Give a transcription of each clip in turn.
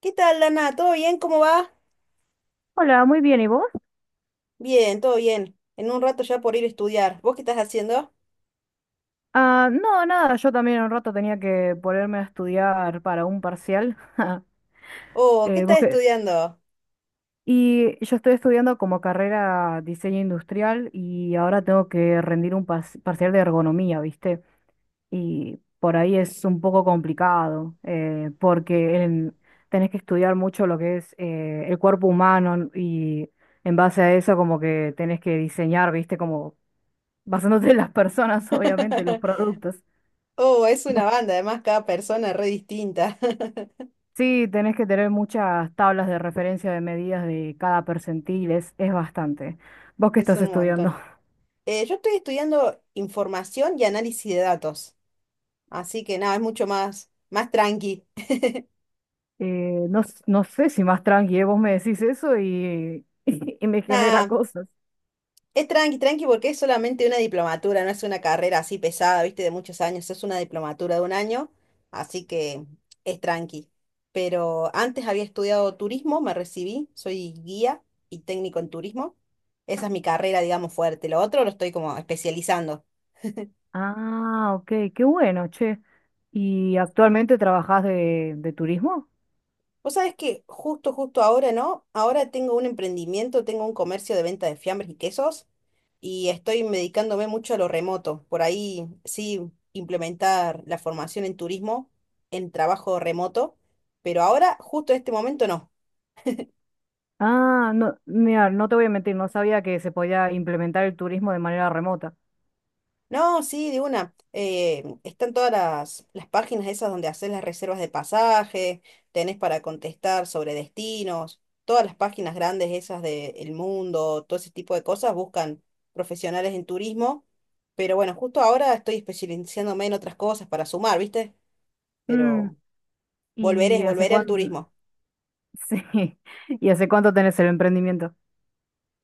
¿Qué tal, Lana? ¿Todo bien? ¿Cómo va? Hola, muy bien, ¿y vos? Bien, todo bien. En un rato ya por ir a estudiar. ¿Vos qué estás haciendo? Ah, no, nada, yo también un rato tenía que ponerme a estudiar para un parcial. Oh, ¿qué ¿vos estás qué? estudiando? Y yo estoy estudiando como carrera diseño industrial y ahora tengo que rendir un parcial de ergonomía, ¿viste? Y por ahí es un poco complicado, porque tenés que estudiar mucho lo que es el cuerpo humano y en base a eso como que tenés que diseñar, ¿viste? Como basándote en las personas, obviamente, los productos. Oh, es una banda, además cada persona es re distinta. Sí, tenés que tener muchas tablas de referencia de medidas de cada percentil, es bastante. Vos qué Es estás un estudiando. montón. Yo estoy estudiando información y análisis de datos. Así que nada, es mucho más tranqui. No, no sé si más tranqui, ¿eh? Vos me decís eso y, y me genera Nada, cosas. es tranqui, tranqui, porque es solamente una diplomatura, no es una carrera así pesada, viste, de muchos años, es una diplomatura de un año, así que es tranqui. Pero antes había estudiado turismo, me recibí, soy guía y técnico en turismo. Esa es mi carrera, digamos, fuerte. Lo otro lo estoy como especializando. Ah, ok, qué bueno, che. ¿Y actualmente trabajás de turismo? Vos sabés que justo, justo ahora, ¿no? Ahora tengo un emprendimiento, tengo un comercio de venta de fiambres y quesos y estoy dedicándome mucho a lo remoto. Por ahí sí implementar la formación en turismo en trabajo remoto, pero ahora, justo en este momento, no. Ah, no, mira, no te voy a mentir, no sabía que se podía implementar el turismo de manera remota. No, sí, de una. Están todas las páginas esas donde haces las reservas de pasaje, tenés para contestar sobre destinos, todas las páginas grandes esas de El Mundo, todo ese tipo de cosas buscan profesionales en turismo. Pero bueno, justo ahora estoy especializándome en otras cosas para sumar, ¿viste? Mm, Pero ¿y volveré, hace volveré al cuánto? turismo. Sí, ¿y hace cuánto tenés el emprendimiento?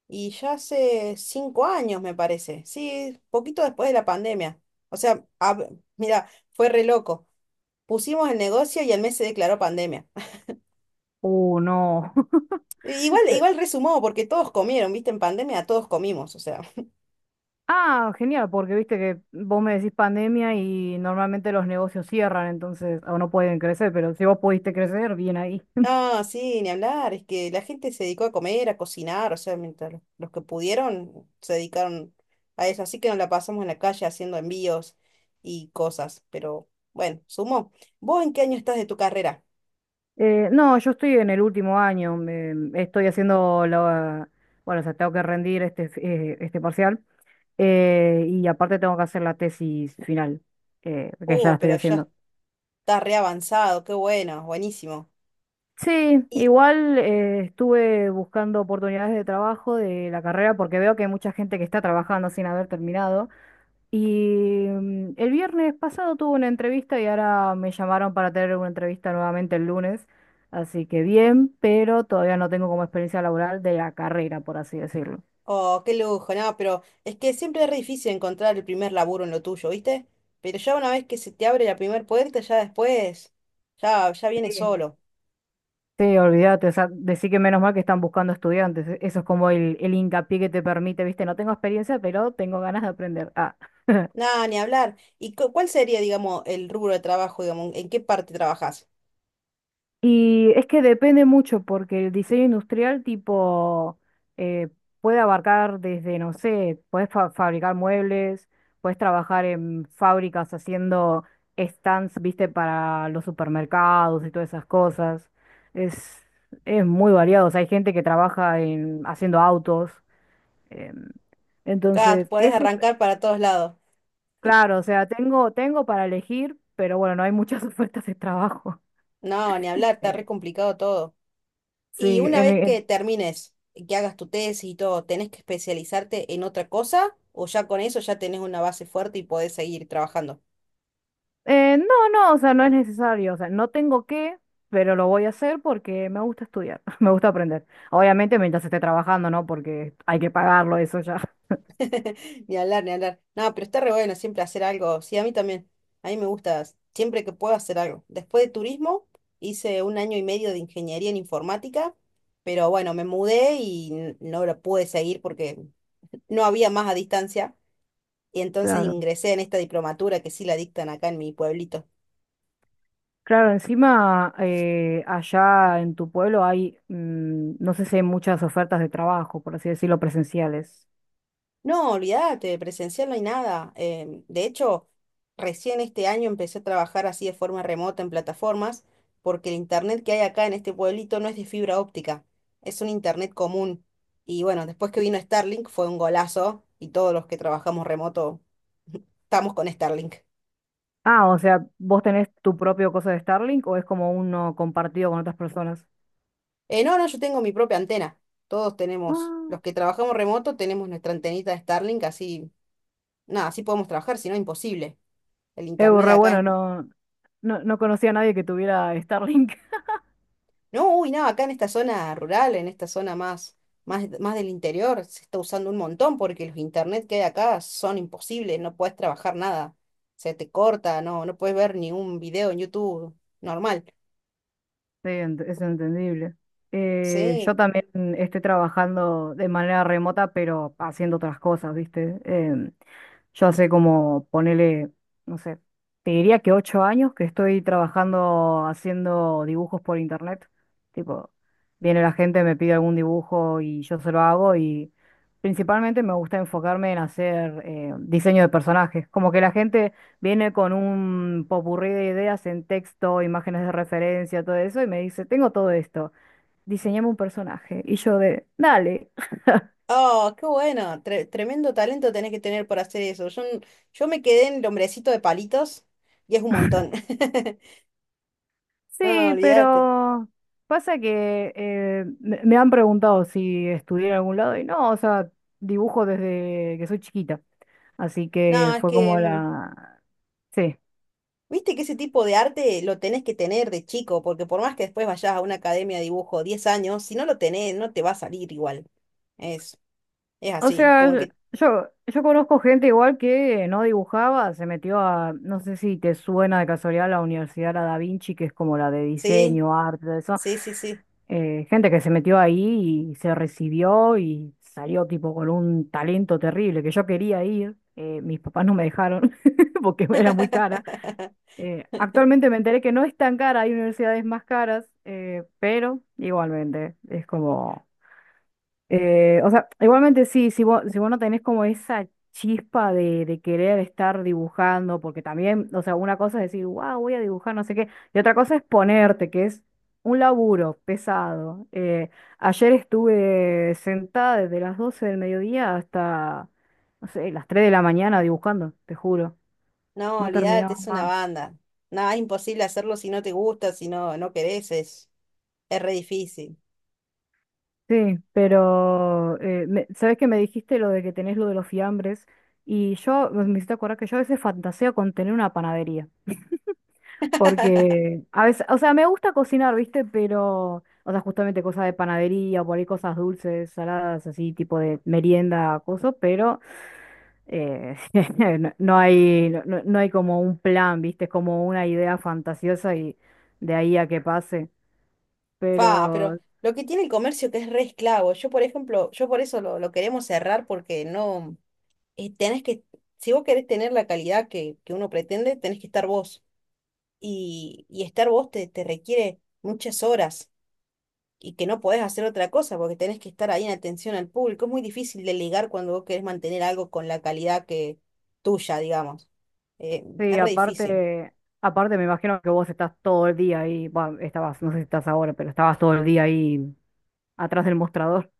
Y ya hace 5 años, me parece. Sí, poquito después de la pandemia. O sea, mira, fue re loco. Pusimos el negocio y al mes se declaró pandemia. No. Igual, Te- igual resumó, porque todos comieron, ¿viste? En pandemia todos comimos, o sea. Ah, genial, porque viste que vos me decís pandemia y normalmente los negocios cierran, entonces o no pueden crecer, pero si vos pudiste crecer, bien ahí. No, sí, ni hablar, es que la gente se dedicó a comer, a cocinar, o sea, mientras los que pudieron se dedicaron a eso. Así que nos la pasamos en la calle haciendo envíos y cosas, pero bueno, sumó. ¿Vos en qué año estás de tu carrera? No, yo estoy en el último año, estoy haciendo la... Bueno, o sea, tengo que rendir este, este parcial y aparte tengo que hacer la tesis final, que ya Oh, estoy pero ya haciendo. está re avanzado, qué bueno, buenísimo. Sí, Y igual estuve buscando oportunidades de trabajo de la carrera porque veo que hay mucha gente que está trabajando sin haber terminado. Y mm, el viernes pasado tuve una entrevista y ahora me llamaron para tener una entrevista nuevamente el lunes. Así que bien, pero todavía no tengo como experiencia laboral de la carrera, por así decirlo. oh, qué lujo, no, pero es que siempre es re difícil encontrar el primer laburo en lo tuyo, ¿viste? Pero ya una vez que se te abre la primer puerta, ya después, ya viene Bien. solo. Sí, olvídate, o sea, decir que menos mal que están buscando estudiantes. Eso es como el hincapié que te permite, viste, no tengo experiencia, pero tengo ganas de aprender. Ah. Nada, ni hablar. ¿Y cuál sería, digamos, el rubro de trabajo, digamos, en qué parte trabajas? Y es que depende mucho, porque el diseño industrial tipo eh, puede abarcar desde, no sé, puedes fabricar muebles, puedes trabajar en fábricas haciendo stands, viste, para los supermercados y todas esas cosas. Es, es muy variado. O sea, hay gente que trabaja en, haciendo autos. em, Ah, entonces, podés ese, arrancar para todos lados. claro, o sea, tengo para elegir, pero bueno, no hay muchas ofertas de trabajo. No, ni hablar, está re Eh, complicado todo. Sí, Y una en, vez que termines, que hagas tu tesis y todo, ¿tenés que especializarte en otra cosa? ¿O ya con eso ya tenés una base fuerte y podés seguir trabajando? eh, no, no, o sea, no es necesario, o sea, no tengo que, pero lo voy a hacer porque me gusta estudiar, me gusta aprender. Obviamente mientras esté trabajando, ¿no? Porque hay que pagarlo eso ya. Ni hablar, ni hablar. No, pero está re bueno siempre hacer algo. Sí, a mí también. A mí me gusta siempre que puedo hacer algo. Después de turismo, hice un año y medio de ingeniería en informática, pero bueno, me mudé y no lo pude seguir porque no había más a distancia. Y entonces Claro. ingresé en esta diplomatura que sí la dictan acá en mi pueblito. Claro, encima allá en tu pueblo hay, mm, no sé si hay muchas ofertas de trabajo, por así decirlo, presenciales. No, olvídate, presencial no hay nada. De hecho, recién este año empecé a trabajar así de forma remota en plataformas, porque el internet que hay acá en este pueblito no es de fibra óptica, es un internet común. Y bueno, después que vino Starlink fue un golazo y todos los que trabajamos remoto estamos con Starlink. Ah, o sea, ¿vos tenés tu propio cosa de Starlink o es como uno compartido con otras personas? No, no, yo tengo mi propia antena. Todos tenemos, Ah, los que trabajamos remoto tenemos nuestra antenita de Starlink, así, nada, así podemos trabajar, si no, imposible. El internet de re acá es. bueno, no, no, no conocía a nadie que tuviera Starlink. No, uy, no, acá en esta zona rural, en esta zona más, más, más del interior, se está usando un montón porque los internet que hay acá son imposibles, no puedes trabajar nada, se te corta, no, no puedes ver ni un video en YouTube normal. Sí, es entendible. Yo Sí. también estoy trabajando de manera remota, pero haciendo otras cosas, ¿viste? Em, yo hace como, ponele, no sé, te diría que 8 años que estoy trabajando haciendo dibujos por internet. Tipo, viene la gente, me pide algún dibujo y yo se lo hago y principalmente me gusta enfocarme en hacer diseño de personajes. Como que la gente viene con un popurrí de ideas en texto, imágenes de referencia, todo eso, y me dice, tengo todo esto, diseñame un personaje. Y yo de, dale, Oh, qué bueno, tremendo talento tenés que tener para hacer eso. Yo me quedé en el hombrecito de palitos y es un montón. No, sí, olvídate. pero pasa que me han preguntado si estudié en algún lado y no, o sea, dibujo desde que soy chiquita. Así que No, es fue que como la... Sí. viste que ese tipo de arte lo tenés que tener de chico, porque por más que después vayas a una academia de dibujo 10 años, si no lo tenés, no te va a salir igual. Es, es O así, como sea, que yo conozco gente igual que no dibujaba, se metió a, no sé si te suena de casualidad la Universidad La Da Vinci, que es como la de sí, diseño, arte, todo eso. sí, sí, sí. Gente que se metió ahí y se recibió y salió tipo con un talento terrible, que yo quería ir, mis papás no me dejaron porque era muy cara. Actualmente me enteré que no es tan cara, hay universidades más caras, pero igualmente es como... o sea, igualmente sí, si vos no tenés como esa chispa de querer estar dibujando, porque también, o sea, una cosa es decir, wow, voy a dibujar, no sé qué, y otra cosa es ponerte, que es un laburo pesado. Ayer estuve sentada desde las 12 del mediodía hasta, no sé, las 3 de la mañana dibujando, te juro, No, no olvídate, terminaba es una más. banda. Nada, es imposible hacerlo si no te gusta, si no, no querés, es re difícil. Sí, pero sabes que me dijiste lo de que tenés lo de los fiambres y yo me hiciste acordar que yo a veces fantaseo con tener una panadería, porque a veces, o sea, me gusta cocinar, ¿viste? Pero, o sea, justamente cosas de panadería, por ahí cosas dulces, saladas, así, tipo de merienda, cosas, pero eh, no, no hay, no, no hay como un plan, ¿viste? Es como una idea fantasiosa y de ahí a que pase. Fa, Pero pero lo que tiene el comercio que es re esclavo, yo por ejemplo, yo por eso lo queremos cerrar porque no, tenés que, si vos querés tener la calidad que uno pretende, tenés que estar vos. Y estar vos te requiere muchas horas y que no podés hacer otra cosa porque tenés que estar ahí en atención al público. Es muy difícil delegar cuando vos querés mantener algo con la calidad que tuya, digamos. Sí, Es re difícil. aparte, aparte me imagino que vos estás todo el día ahí, bah, estabas, no sé si estás ahora, pero estabas todo el día ahí atrás del mostrador.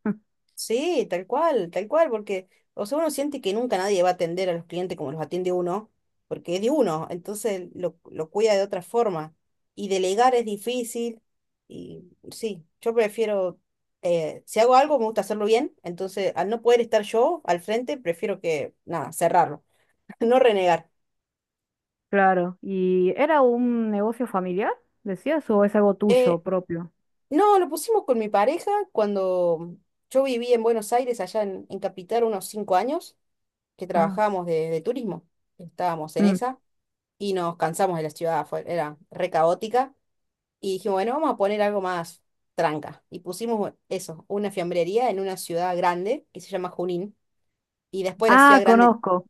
Sí, tal cual, porque, o sea, uno siente que nunca nadie va a atender a los clientes como los atiende uno, porque es de uno, entonces lo cuida de otra forma. Y delegar es difícil, y sí, yo prefiero, si hago algo me gusta hacerlo bien, entonces al no poder estar yo al frente, prefiero que, nada, cerrarlo, no renegar. Claro. ¿Y era un negocio familiar, decías, o es algo Eh, tuyo propio? no, lo pusimos con mi pareja cuando yo viví en Buenos Aires, allá en Capital, unos 5 años, que Ah, trabajábamos de turismo, estábamos en mm. esa. Y nos cansamos de la ciudad, era re caótica, y dijimos, bueno, vamos a poner algo más tranca. Y pusimos eso, una fiambrería en una ciudad grande que se llama Junín, y después la ciudad Ah, grande, conozco,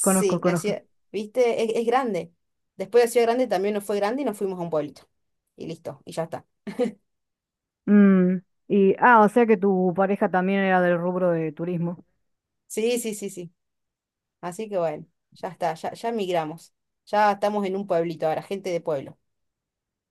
conozco, la conozco. ciudad, viste, es grande. Después la ciudad grande también nos fue grande y nos fuimos a un pueblito. Y listo, y ya está. Mm, y, ah, o sea que tu pareja también era del rubro de turismo. Sí, sí, sí, sí. Así que bueno, ya está, ya migramos. Ya estamos en un pueblito ahora, gente de pueblo.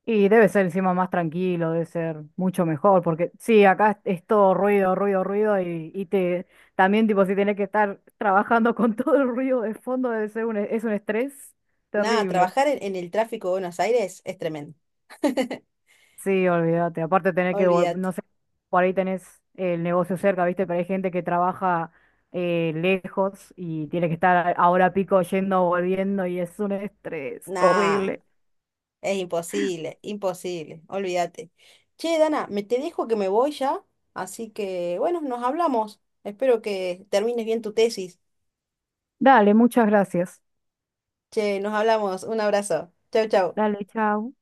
Y debe ser encima más tranquilo, debe ser mucho mejor, porque sí, acá es todo ruido, ruido, ruido, y te también tipo si tenés que estar trabajando con todo el ruido de fondo, debe ser un, es un estrés Nada, terrible. trabajar en el tráfico de Buenos Aires es tremendo. Sí, olvídate. Aparte tener que, Olvídate. no sé, por ahí tenés el negocio cerca, ¿viste? Pero hay gente que trabaja lejos y tiene que estar a hora pico yendo, volviendo, y es un estrés Nah. horrible. Es imposible, imposible, olvídate. Che, Dana, me te dejo que me voy ya, así que bueno, nos hablamos. Espero que termines bien tu tesis. Dale, muchas gracias. Che, nos hablamos. Un abrazo. Chau, chau. Dale, chao.